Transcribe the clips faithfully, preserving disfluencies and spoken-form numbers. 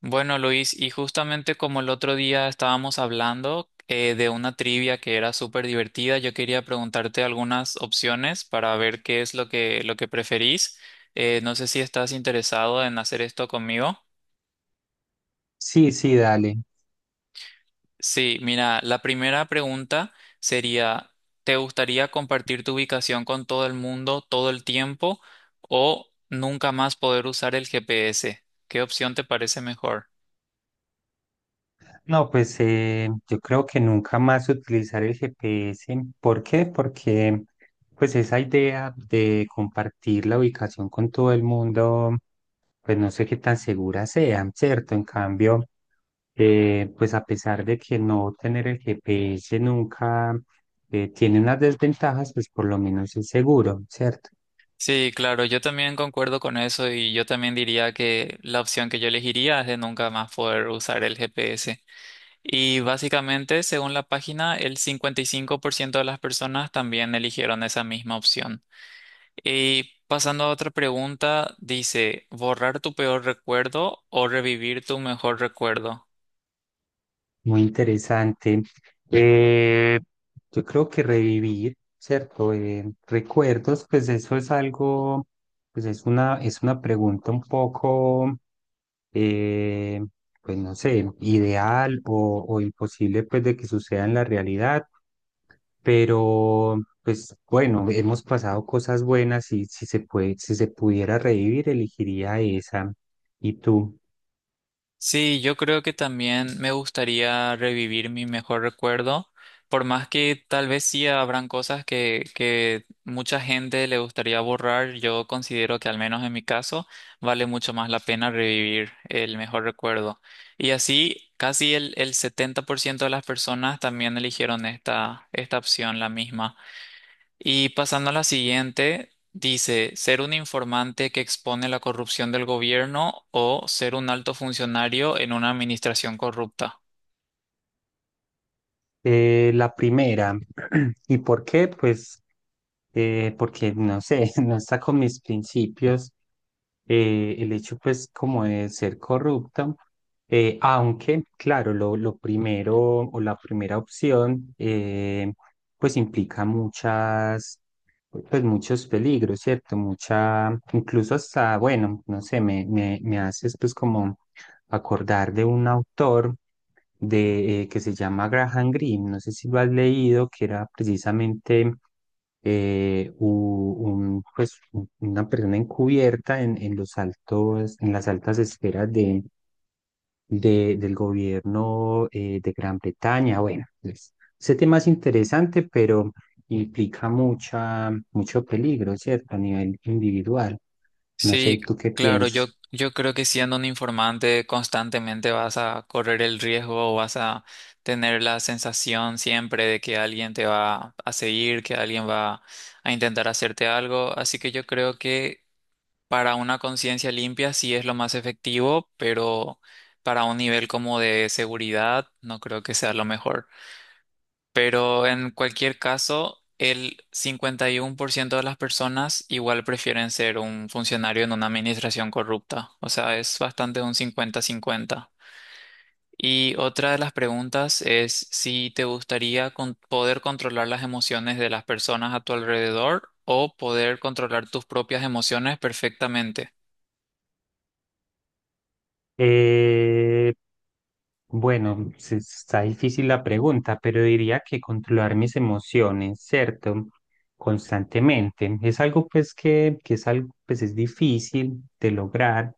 Bueno, Luis, y justamente como el otro día estábamos hablando eh, de una trivia que era súper divertida, yo quería preguntarte algunas opciones para ver qué es lo que, lo que preferís. Eh, no sé si estás interesado en hacer esto conmigo. Sí, sí, dale. Sí, mira, la primera pregunta sería, ¿te gustaría compartir tu ubicación con todo el mundo todo el tiempo o nunca más poder usar el G P S? ¿Qué opción te parece mejor? No, pues eh, yo creo que nunca más utilizar el G P S. ¿Por qué? Porque pues esa idea de compartir la ubicación con todo el mundo, pues no sé qué tan segura sea, ¿cierto? En cambio, eh, pues a pesar de que no tener el G P S nunca eh, tiene unas desventajas, pues por lo menos es seguro, ¿cierto? Sí, claro, yo también concuerdo con eso y yo también diría que la opción que yo elegiría es de nunca más poder usar el G P S. Y básicamente, según la página, el cincuenta y cinco por ciento de las personas también eligieron esa misma opción. Y pasando a otra pregunta, dice, ¿borrar tu peor recuerdo o revivir tu mejor recuerdo? Muy interesante. Eh, yo creo que revivir, ¿cierto? Eh, recuerdos, pues eso es algo, pues es una, es una pregunta un poco, eh, pues no sé, ideal o, o imposible pues de que suceda en la realidad, pero pues bueno, hemos pasado cosas buenas y si se puede, si se pudiera revivir, elegiría esa. ¿Y tú? Sí, yo creo que también me gustaría revivir mi mejor recuerdo, por más que tal vez sí habrán cosas que, que mucha gente le gustaría borrar. Yo considero que, al menos en mi caso, vale mucho más la pena revivir el mejor recuerdo. Y así casi el, el setenta por ciento de las personas también eligieron esta, esta opción, la misma. Y pasando a la siguiente, dice, ser un informante que expone la corrupción del gobierno o ser un alto funcionario en una administración corrupta. Eh, la primera. ¿Y por qué? Pues eh, porque, no sé, no está con mis principios eh, el hecho pues como de ser corrupto, eh, aunque claro, lo, lo primero o la primera opción eh, pues implica muchas, pues muchos peligros, ¿cierto? Mucha, incluso hasta, bueno, no sé, me, me, me haces pues como acordar de un autor de, eh, que se llama Graham Greene, no sé si lo has leído, que era precisamente eh, u- un, pues, un- una persona encubierta en, en los altos, en las altas esferas de, de- del gobierno eh, de Gran Bretaña. Bueno, pues, ese tema es interesante, pero implica mucha, mucho peligro, ¿cierto? A nivel individual. No sé, Sí, ¿tú qué claro, yo, piensas? yo creo que siendo un informante constantemente vas a correr el riesgo o vas a tener la sensación siempre de que alguien te va a seguir, que alguien va a intentar hacerte algo. Así que yo creo que para una conciencia limpia sí es lo más efectivo, pero para un nivel como de seguridad no creo que sea lo mejor. Pero en cualquier caso, el cincuenta y uno por ciento de las personas igual prefieren ser un funcionario en una administración corrupta. O sea, es bastante un cincuenta cincuenta. Y otra de las preguntas es si te gustaría con- poder controlar las emociones de las personas a tu alrededor o poder controlar tus propias emociones perfectamente. Eh, Bueno, se- está difícil la pregunta, pero diría que controlar mis emociones, ¿cierto? Constantemente. Es algo pues que, que es algo pues es difícil de lograr.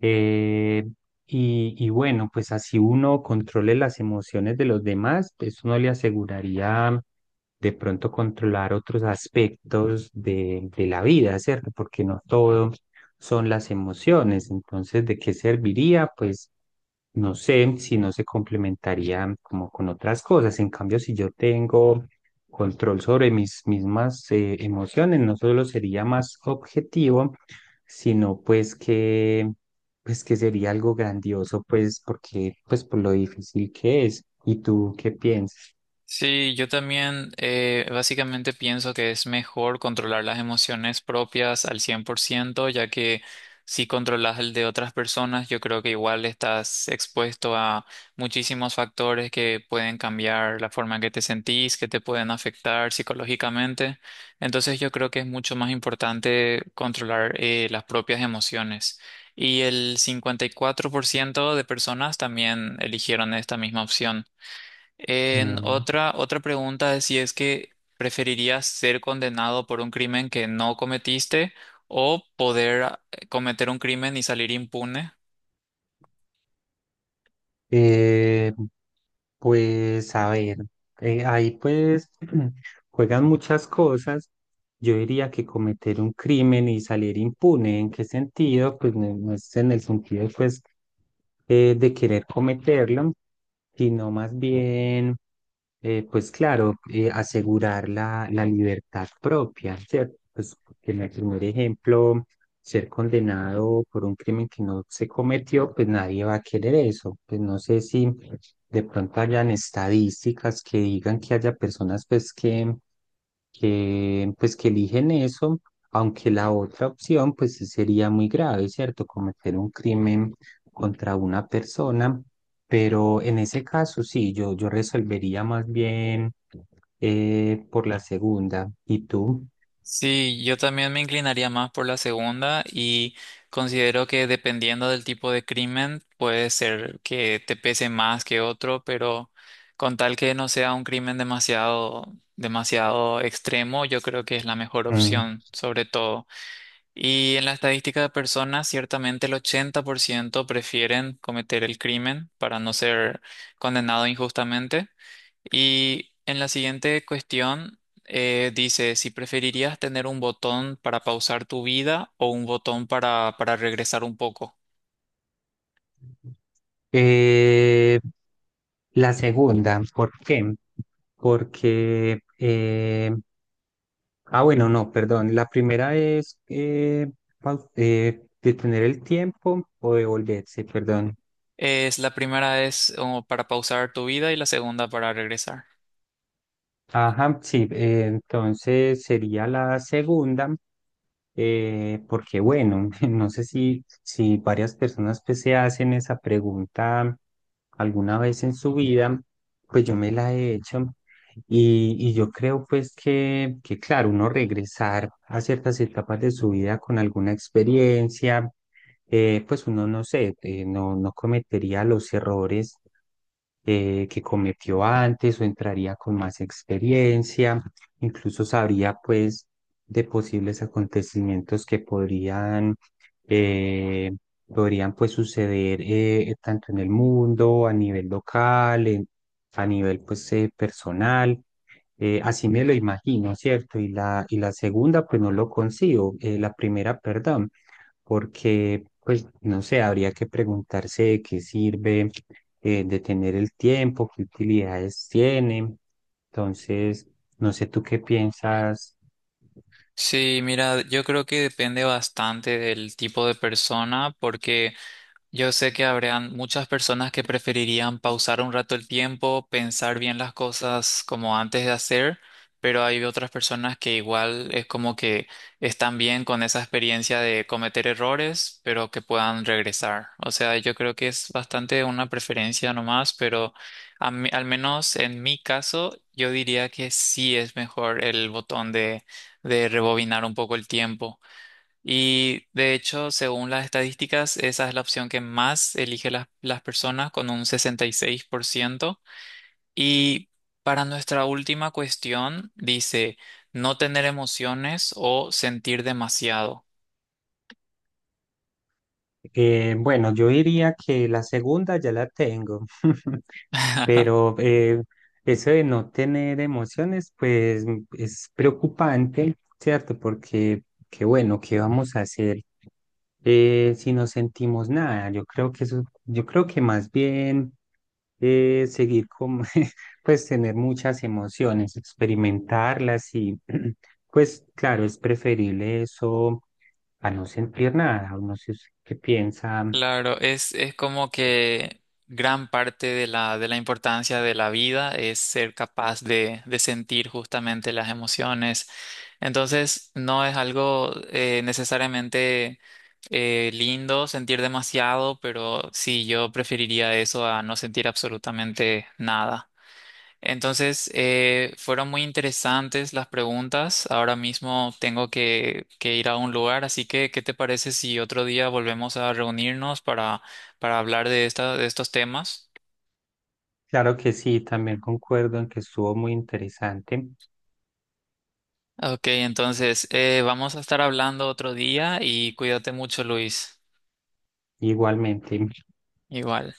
eh, y, y bueno, pues así uno controle las emociones de los demás, pues uno le aseguraría de pronto controlar otros aspectos de, de la vida, ¿cierto? Porque no todo son las emociones. Entonces, ¿de qué serviría? Pues no sé si no se complementarían como con otras cosas. En cambio, si yo tengo control sobre mis mismas eh, emociones, no solo sería más objetivo, sino pues que pues que sería algo grandioso, pues porque pues por lo difícil que es. ¿Y tú qué piensas? Sí, yo también eh, básicamente pienso que es mejor controlar las emociones propias al cien por ciento, ya que si controlas el de otras personas, yo creo que igual estás expuesto a muchísimos factores que pueden cambiar la forma en que te sentís, que te pueden afectar psicológicamente. Entonces yo creo que es mucho más importante controlar eh, las propias emociones. Y el cincuenta y cuatro por ciento de personas también eligieron esta misma opción. En otra, otra pregunta es si es que preferirías ser condenado por un crimen que no cometiste o poder ah, cometer un crimen y salir impune. Eh, Pues a ver, eh, ahí pues juegan muchas cosas. Yo diría que cometer un crimen y salir impune, ¿en qué sentido? Pues no, no es en el sentido pues eh, de querer cometerlo, sino más bien, eh, pues claro, eh, asegurar la, la libertad propia, ¿cierto? Pues en el primer ejemplo ser condenado por un crimen que no se cometió, pues nadie va a querer eso. Pues no sé si de pronto hayan estadísticas que digan que haya personas pues que, que pues que eligen eso, aunque la otra opción pues sí sería muy grave, ¿cierto? Cometer un crimen contra una persona, pero en ese caso sí, yo, yo resolvería más bien eh, por la segunda. ¿Y tú? Sí, yo también me inclinaría más por la segunda y considero que dependiendo del tipo de crimen puede ser que te pese más que otro, pero con tal que no sea un crimen demasiado, demasiado extremo, yo creo que es la mejor Mm. opción, sobre todo. Y en la estadística de personas, ciertamente el ochenta por ciento prefieren cometer el crimen para no ser condenado injustamente. Y en la siguiente cuestión eh, dice si preferirías tener un botón para pausar tu vida o un botón para, para regresar un poco. Eh, la segunda, ¿por qué? Porque, eh, ah, bueno, no, perdón. La primera es eh, pau- eh, detener el tiempo o devolverse, perdón. Es, la primera es oh, para pausar tu vida y la segunda para regresar. Ajá, sí, eh, entonces sería la segunda. Eh, porque bueno, no sé si, si varias personas pues, se hacen esa pregunta alguna vez en su vida, pues yo me la he hecho y, y yo creo pues que, que claro, uno regresar a ciertas etapas de su vida con alguna experiencia, eh, pues uno no sé, eh, no, no cometería los errores eh, que cometió antes o entraría con más experiencia, incluso sabría pues de posibles acontecimientos que podrían, eh, podrían pues suceder eh, tanto en el mundo, a nivel local, en- a nivel pues eh, personal. Eh, así me lo imagino, ¿cierto? Y la, y la segunda, pues no lo consigo, eh, la primera, perdón, porque, pues, no sé, habría que preguntarse de qué sirve eh, de tener el tiempo, qué utilidades tiene. Entonces, no sé tú qué piensas. Sí, mira, yo creo que depende bastante del tipo de persona porque yo sé que habrían muchas personas que preferirían pausar un rato el tiempo, pensar bien las cosas como antes de hacer, pero hay otras personas que igual es como que están bien con esa experiencia de cometer errores, pero que puedan regresar. O sea, yo creo que es bastante una preferencia nomás, pero a mí- al menos en mi caso, yo diría que sí es mejor el botón de, de rebobinar un poco el tiempo. Y de hecho, según las estadísticas, esa es la opción que más elige las, las personas con un sesenta y seis por ciento. Y seis por ciento. Y para nuestra última cuestión, dice no tener emociones o sentir demasiado. Eh, bueno, yo diría que la segunda ya la tengo, pero eh, eso de no tener emociones, pues m- es preocupante, ¿cierto? Porque, que bueno, ¿qué vamos a hacer eh, si no sentimos nada? Yo creo que eso, yo creo que más bien eh, seguir con, pues tener muchas emociones, experimentarlas y pues claro, es preferible eso a no sentir nada, o no sé usted qué piensa. Claro, es, es como que gran parte de la, de la importancia de la vida es ser capaz de, de sentir justamente las emociones. Entonces, no es algo eh, necesariamente Eh, lindo sentir demasiado, pero sí, yo preferiría eso a no sentir absolutamente nada. Entonces, eh, fueron muy interesantes las preguntas. Ahora mismo tengo que, que ir a un lugar, así que ¿qué te parece si otro día volvemos a reunirnos para, para hablar de esta, de estos temas? Claro que sí, también concuerdo en que estuvo muy interesante, Ok, entonces, eh, vamos a estar hablando otro día y cuídate mucho, Luis. igualmente. Igual.